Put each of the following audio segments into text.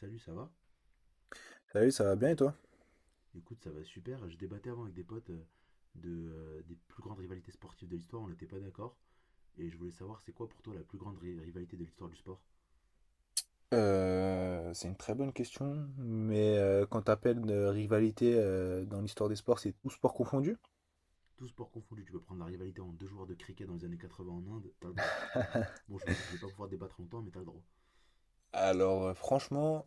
Salut, ça va? Salut, ça va bien et toi? Écoute, ça va super. Je débattais avant avec des potes des plus grandes rivalités sportives de l'histoire. On n'était pas d'accord. Et je voulais savoir, c'est quoi pour toi la plus grande rivalité de l'histoire du sport? C'est une très bonne question, mais quand t'appelles de rivalité dans l'histoire des sports, c'est tout sport confondu? Tout sport confondu, tu peux prendre la rivalité en deux joueurs de cricket dans les années 80 en Inde, t'as le droit. Bon, je vais pas pouvoir débattre longtemps, mais t'as le droit. Alors, franchement,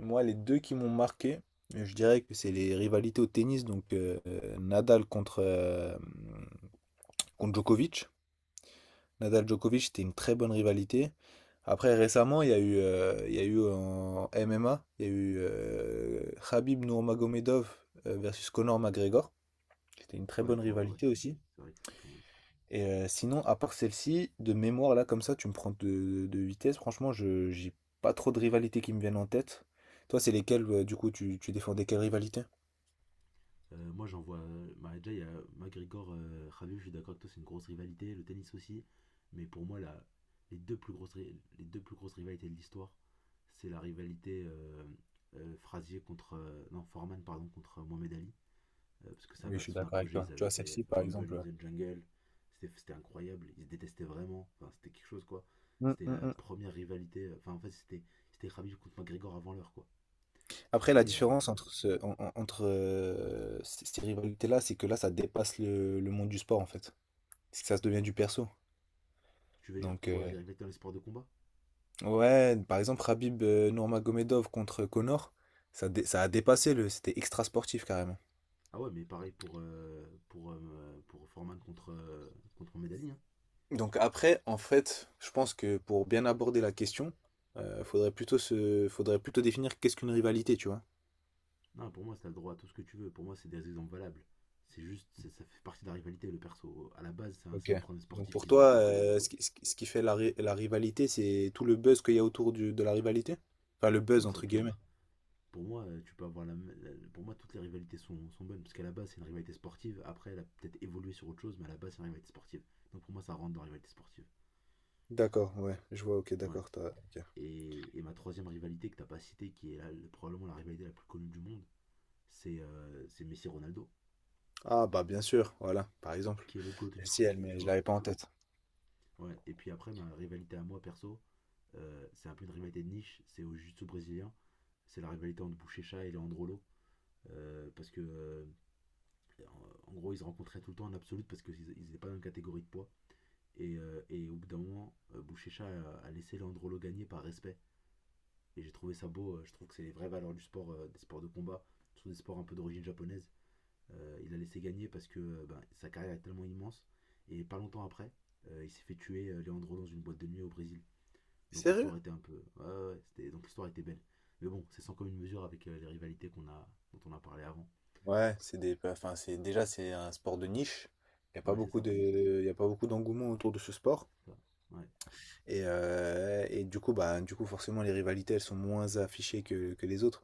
moi les deux qui m'ont marqué, je dirais que c'est les rivalités au tennis, donc Nadal contre Djokovic. Nadal-Djokovic, c'était une très bonne rivalité. Après récemment, il y a eu en MMA, il y a eu Khabib Nurmagomedov versus Conor McGregor. C'était une très Ouais, bonne faut, ouais. rivalité aussi. C'est vrai que c'était pas mal. Et sinon, à part celle-ci, de mémoire, là, comme ça, tu me prends de vitesse. Franchement, je j'ai pas trop de rivalités qui me viennent en tête. Toi, c'est lesquelles, du coup, tu défendais quelle rivalité? Moi, j'en vois. Bah, déjà, il y a McGregor, Khabib, je suis d'accord avec toi, c'est une grosse rivalité. Le tennis aussi. Mais pour moi, la, les, deux plus grosses, ri- les deux plus grosses rivalités de l'histoire, c'est la rivalité Frazier contre, non, Foreman, pardon, contre Mohamed Ali. Parce que ça Oui, je battait suis son d'accord avec apogée. toi. Ils Tu avaient vois, fait celle-ci, par Rumble exemple. Ouais. in the Jungle. C'était incroyable. Ils se détestaient vraiment. Enfin, c'était quelque chose, quoi. Hum, C'était hum, la hum. première rivalité. Enfin, en fait, c'était Khabib contre McGregor avant l'heure, quoi. Après, la Et différence entre, ce, en- en- entre ces rivalités-là, c'est que là, ça dépasse le monde du sport, en fait. C'est que ça se devient du perso. tu veux dire Donc, pour les rivalités dans les sports de combat. ouais, par exemple, Khabib Nurmagomedov contre Conor, ça a dépassé. C'était extra sportif, carrément. Ah ouais, mais pareil pour, pour Foreman contre Medali, hein. Donc après, en fait, je pense que pour bien aborder la question, faudrait plutôt faudrait plutôt définir qu'est-ce qu'une rivalité, tu vois. Non, pour moi, t'as le droit à tout ce que tu veux. Pour moi, c'est des exemples valables. C'est juste, ça fait partie de la rivalité, le perso. À la base, c'est un, c'est Ok. un problème Donc sportif pour qu'ils ont toi, entre eux. Ce qui fait la rivalité, c'est tout le buzz qu'il y a autour de la rivalité? Enfin, le buzz, Tout, ça entre peut guillemets. être. Pour moi, tu peux avoir la, m- la- Pour moi, toutes les rivalités sont bonnes. Parce qu'à la base, c'est une rivalité sportive. Après, elle a peut-être évolué sur autre chose, mais à la base, c'est une rivalité sportive. Donc pour moi, ça rentre dans la rivalité sportive. D'accord, ouais, je vois, ok, Ouais. d'accord, ok. Et, ma troisième rivalité que t'as pas citée, qui est probablement la rivalité la plus connue du monde, c'est c'est Messi-Ronaldo, Ah bah bien sûr, voilà, par exemple. qui est le GOAT du Le foot, ciel, mais tu je vois. l'avais pas en tête. Ouais. Et puis après, ma rivalité à moi perso, c'est un peu une rivalité de niche, c'est au jiu-jitsu brésilien. C'est la rivalité entre Bouchécha et Leandrolo. Euh, parce que, euh, en gros, ils se rencontraient tout le temps en absolute parce qu'ils n'étaient pas dans la catégorie de poids. Et au bout d'un moment, Bouchécha a laissé Leandrolo gagner par respect. Et j'ai trouvé ça beau. Je trouve que c'est les vraies valeurs du sport, des sports de combat, surtout des sports un peu d'origine japonaise. Il a laissé gagner parce que ben, sa carrière est tellement immense. Et pas longtemps après, il s'est fait tuer Leandro dans une boîte de nuit au Brésil. Donc Sérieux? l'histoire était un peu. Ouais, ouais, Donc l'histoire était belle. Mais bon, c'est sans commune mesure avec les rivalités dont on a parlé avant. Ouais, bah, enfin, c'est un sport de niche. Il y a pas Ouais, c'est beaucoup ça. de, il y a pas beaucoup d'engouement autour de ce sport. ça. Ouais. Et du coup, bah, du coup, forcément, les rivalités, elles sont moins affichées que les autres.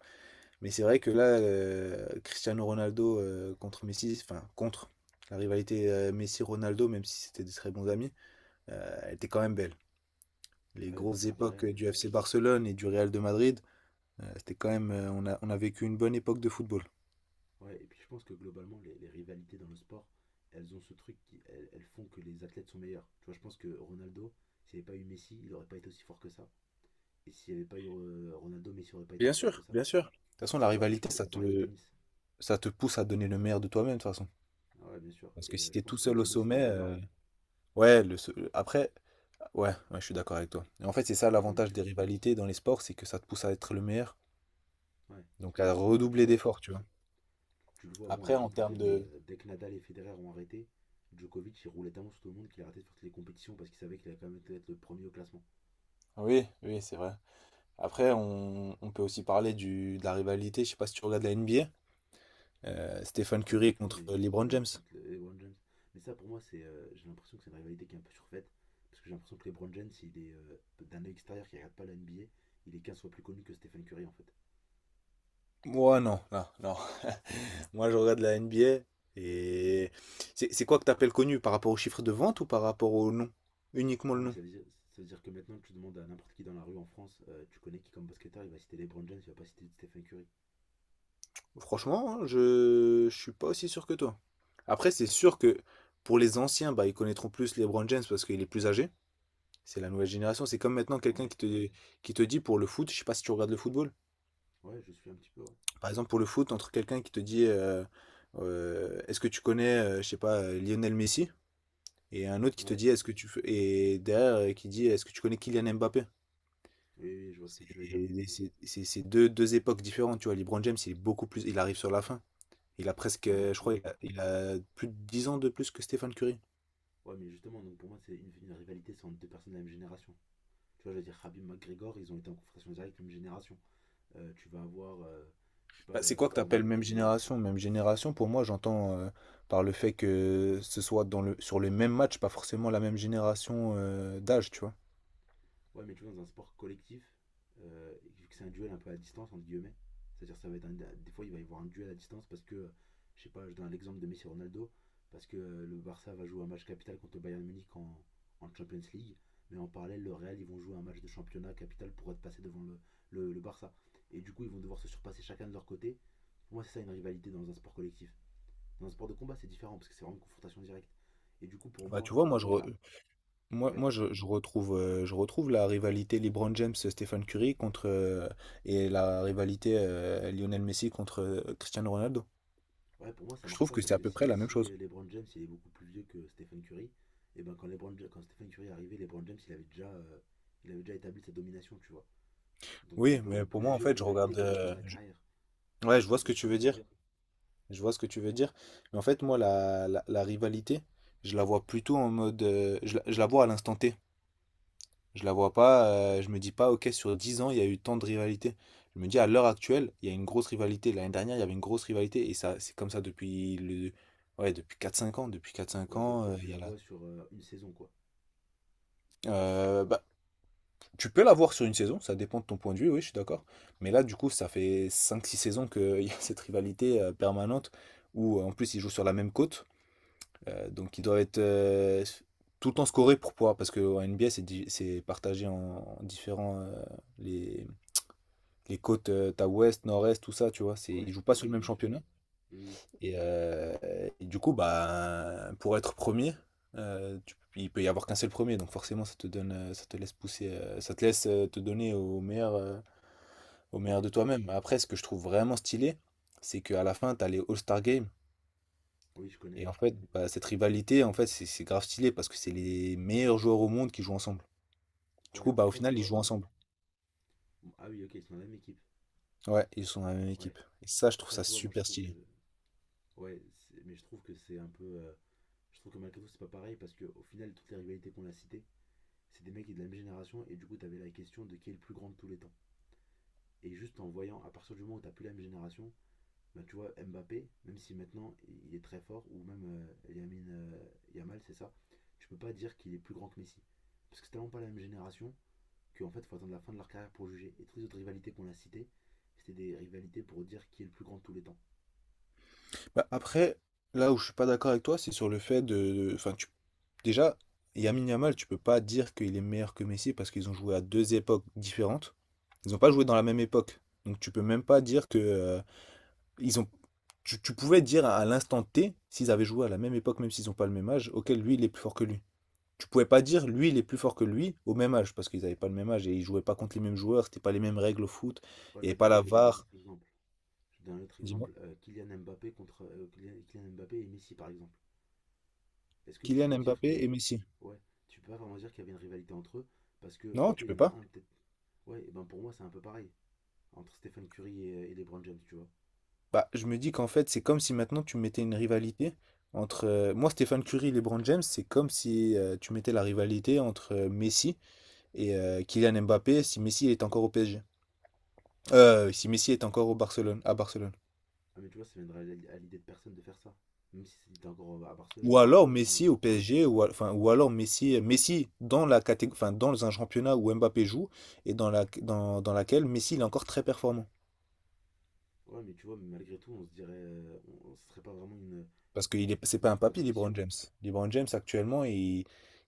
Mais c'est vrai que là, Cristiano Ronaldo contre Messi, enfin contre la rivalité Messi-Ronaldo, même si c'était des très bons amis, elle était quand même belle. Les Ouais, mais grosses c'était époques incroyable. du FC Barcelone et du Real de Madrid, c'était quand même, on a vécu une bonne époque de football. Ouais, et puis je pense que globalement, les rivalités dans le sport, elles ont ce truc qui. Elles font que les athlètes sont meilleurs. Tu vois, je pense que Ronaldo, s'il n'y avait pas eu Messi, il n'aurait pas été aussi fort que ça. Et s'il n'y avait pas eu Ronaldo, Messi n'aurait pas été Bien aussi fort que sûr, ça. bien sûr. De toute façon, la Tu vois, et je rivalité, pense que ça c'est pareil au te, tennis. ça te pousse à donner le meilleur de toi-même, de toute façon. Ah ouais, bien sûr. Parce Et que si je t'es pense tout qu'au seul au tennis, c'était un sommet, peu pareil. ouais, après, ouais, ouais, je suis d'accord avec toi. Et en fait, c'est ça Hein, mais l'avantage tu des vois. rivalités dans les sports, c'est que ça te pousse à être le meilleur, Ouais. donc à Parce que tu redoubler vois, d'efforts, tu vois. tu le vois, bon, il Après, était en plus termes vieux, mais de... dès que Nadal et Federer ont arrêté, Djokovic, il roulait tellement sur tout le monde qu'il a arrêté de faire toutes les compétitions parce qu'il savait qu'il allait quand même être le premier au classement. Oui, oui, c'est vrai. Après, on peut aussi parler de la rivalité. Je sais pas si tu regardes la NBA. Stephen Pas du Curry tout, contre mais LeBron ouais, James. contre LeBron James. Mais ça, pour moi, j'ai l'impression que c'est une rivalité qui est un peu surfaite. Parce que j'ai l'impression que LeBron James, il est d'un œil extérieur qui regarde pas la NBA, il est 15 fois plus connu que Stephen Curry en fait. Moi, non, non, non. Moi, je regarde la NBA. Et c'est quoi que tu appelles connu? Par rapport au chiffre de vente ou par rapport au nom? Uniquement Non, le mais nom. ça veut dire que maintenant tu demandes à n'importe qui dans la rue en France, tu connais qui comme basketteur, il va citer LeBron James, il va pas citer Stephen Curry. Franchement, hein, je suis pas aussi sûr que toi. Après, c'est sûr que pour les anciens, bah, ils connaîtront plus LeBron James parce qu'il est plus âgé. C'est la nouvelle génération. C'est comme maintenant quelqu'un Ouais, qui te dit pour le foot, je sais pas si tu regardes le football. ouais, je suis un petit peu. Ouais. Par exemple, pour le foot, entre quelqu'un qui te dit est-ce que tu connais, je sais pas, Lionel Messi? Et un autre qui te Ouais. dit est-ce que et derrière qui dit est-ce que tu connais Kylian Mbappé? Oui, oui, je vois ce que tu veux dire. C'est deux époques différentes, tu vois. LeBron James, il est beaucoup plus. Il arrive sur la fin. Il a presque, Non, mais je tu crois, vois. il a plus de 10 ans de plus que Stephen Curry. Ouais, mais justement, donc pour moi, c'est une rivalité, c'est entre deux personnes de la même génération. Tu vois, je veux dire, Khabib McGregor, ils ont été en confrontation directe, même génération. Tu vas avoir, je sais pas, Bah, c'est quoi que tu Foreman appelles même contre. génération? Même génération, pour moi, j'entends par le fait que ce soit sur les mêmes matchs, pas forcément la même génération d'âge, tu vois. Ouais, mais tu vois, dans un sport collectif, euh, vu que c'est un duel un peu à distance, entre guillemets, c'est-à-dire ça va être des fois il va y avoir un duel à distance parce que, je sais pas, je donne l'exemple de Messi et Ronaldo, parce que le Barça va jouer un match capital contre le Bayern Munich en Champions League, mais en parallèle le Real ils vont jouer un match de championnat capital pour être passé devant le Barça. Et du coup ils vont devoir se surpasser chacun de leur côté. Pour moi c'est ça une rivalité dans un sport collectif. Dans un sport de combat c'est différent parce que c'est vraiment une confrontation directe. Et du coup pour Bah, tu moi, vois, moi, je, quand t'as. re- moi, Ouais. moi je retrouve la rivalité LeBron James-Stephen Curry et la rivalité Lionel Messi contre Cristiano Ronaldo. Ouais, pour moi, ça Je marche trouve pas que parce c'est à que peu près la même si chose. LeBron James il est beaucoup plus vieux que Stephen Curry, et ben quand quand Stephen Curry est arrivé, LeBron James il avait déjà établi sa domination, tu vois. Donc on Oui, peut, mais on peut pour moi, en juger une fait, je rivalité regarde. qu'à la fin de la carrière. Ouais, je vois ce Tu que vois ce tu que veux je veux dire. dire? Je vois ce que tu veux dire. Mais en fait, moi, la rivalité, je la vois plutôt en mode. Je la vois à l'instant T. Je la vois pas. Je me dis pas, ok, sur 10 ans, il y a eu tant de rivalité. Je me dis, à l'heure actuelle, il y a une grosse rivalité. L'année dernière, il y avait une grosse rivalité. Et ça, c'est comme ça depuis le. Ouais, depuis 4 5 ans. Depuis quatre cinq Ouais, ans, toi, tu il y la a la. vois sur une saison, quoi. Bah, tu peux la voir sur une saison, ça dépend de ton point de vue, oui, je suis d'accord. Mais là, du coup, ça fait 5 6 saisons qu'il y a cette rivalité permanente où, en plus, ils jouent sur la même côte. Donc ils doivent être tout le temps scorés pour pouvoir, parce que en NBA c'est partagé en différents les, les côtes, t'as ouest, nord-est, tout ça, tu vois, c'est Ouais, ils jouent pas sur le ouais, même bien sûr. championnat. Oui, oui, Et, euh, et du coup, bah pour être premier, il peut y avoir qu'un seul premier, donc forcément ça te donne, ça te laisse pousser, ça te laisse te donner au meilleur ouais, de toi-même. Après, ce que je trouve vraiment stylé, c'est qu'à la fin, t'as les All-Star Games. oui, je connais. Et en fait, bah, cette rivalité, en fait, c'est grave stylé parce que c'est les meilleurs joueurs au monde qui jouent ensemble. Du coup, Ouais, bah, au après, tu final, ils vois, jouent moi, ensemble. ah oui, ok, ils sont dans la même équipe. Ouais, ils sont dans la même Ouais. équipe. Et ça, je trouve Après, ça tu vois, moi, je super trouve que, stylé. ouais, mais je trouve que malgré tout, c'est pas pareil parce que au final, toutes les rivalités qu'on a citées, c'est des mecs qui sont de la même génération, et du coup, t'avais la question de qui est le plus grand de tous les temps. Et juste en voyant, à partir du moment où t'as plus la même génération, bah, tu vois, Mbappé, même si maintenant il est très fort, ou même Yamin Yamal, c'est ça, tu peux pas dire qu'il est plus grand que Messi. Parce que c'est tellement pas la même génération qu'en fait, faut attendre la fin de leur carrière pour juger. Et toutes les autres rivalités qu'on a citées, c'était des rivalités pour dire qui est le plus grand de tous les temps. Bah, après, là où je suis pas d'accord avec toi, c'est sur le fait. Enfin, déjà, Lamine Yamal, tu peux pas dire qu'il est meilleur que Messi parce qu'ils ont joué à deux époques différentes. Ils ont pas joué dans la même époque. Donc, tu peux même pas dire que. Ils ont... tu pouvais Dire à l'instant T, s'ils avaient joué à la même époque, même s'ils ont pas le même âge, auquel lui, il est plus fort que lui. Tu pouvais pas dire, lui, il est plus fort que lui, au même âge, parce qu'ils n'avaient pas le même âge et ils jouaient pas contre les mêmes joueurs, c'était pas les mêmes règles au foot, Ouais, il n'y avait mais du pas coup, la je vais te donner un VAR. autre exemple. Je vais te donner un autre Dis-moi, exemple, Kylian Mbappé et Messi, par exemple. Est-ce que tu peux Kylian dire Mbappé et que. Messi. Ouais, tu peux pas vraiment dire qu'il y avait une rivalité entre eux, parce que, Non, ok, tu il y peux en a pas. un peut-être. Ouais, et ben pour moi, c'est un peu pareil, entre Stephen Curry et LeBron James, tu vois. Bah, je me dis qu'en fait, c'est comme si maintenant tu mettais une rivalité entre. Moi, Stéphane Curie et LeBron James, c'est comme si tu mettais la rivalité entre Messi et Kylian Mbappé si Messi est encore au PSG. Si Messi est encore au Barcelone, à Barcelone. Ah, mais tu vois, ça viendrait à l'idée de personne de faire ça, même si c'était encore à Ou Barcelone. alors Mm. Messi au PSG, enfin, ou alors Messi dans enfin, dans un championnat où Mbappé joue et dans laquelle Messi il est encore très performant. Ouais, mais tu vois, malgré tout, on se dirait. On- Ce serait pas vraiment Parce que c'est pas une un papy, LeBron compétition. James. LeBron James actuellement, il,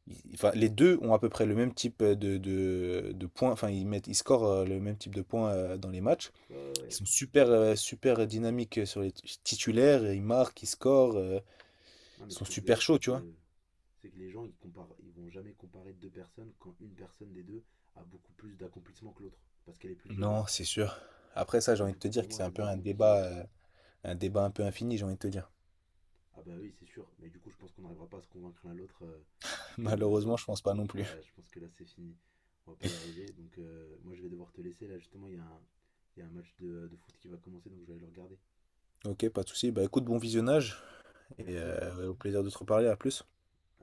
il- enfin, les deux ont à peu près le même type de points, enfin ils scorent le même type de points dans les matchs. Ouais, ouais, Ils ouais. sont super dynamiques sur les titulaires, ils marquent, ils scorent, Non, ils mais ce sont que je veux super dire, chauds, c'est tu vois. que. C'est que les gens, ils, comparent, ils vont jamais comparer deux personnes quand une personne des deux a beaucoup plus d'accomplissement que l'autre, parce qu'elle est plus vieille. Non, c'est sûr. Après ça, j'ai Et envie de du te coup, dire pour que moi, c'est ça un peu devient un compliqué. débat, un débat un peu infini, j'ai envie de te dire. Ah bah oui, c'est sûr. Mais du coup, je pense qu'on n'arrivera pas à se convaincre l'un l'autre Malheureusement, que... je pense pas non Ah, plus. ouais, je pense que là, c'est fini. On va pas y arriver. Donc moi, je vais devoir te laisser. Là, justement, il y a un match de foot qui va commencer, donc je vais aller le regarder. Ok, pas de souci. Bah écoute, bon visionnage et Merci. Au plaisir de te reparler. À plus.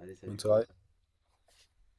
Allez, Bonne salut. soirée.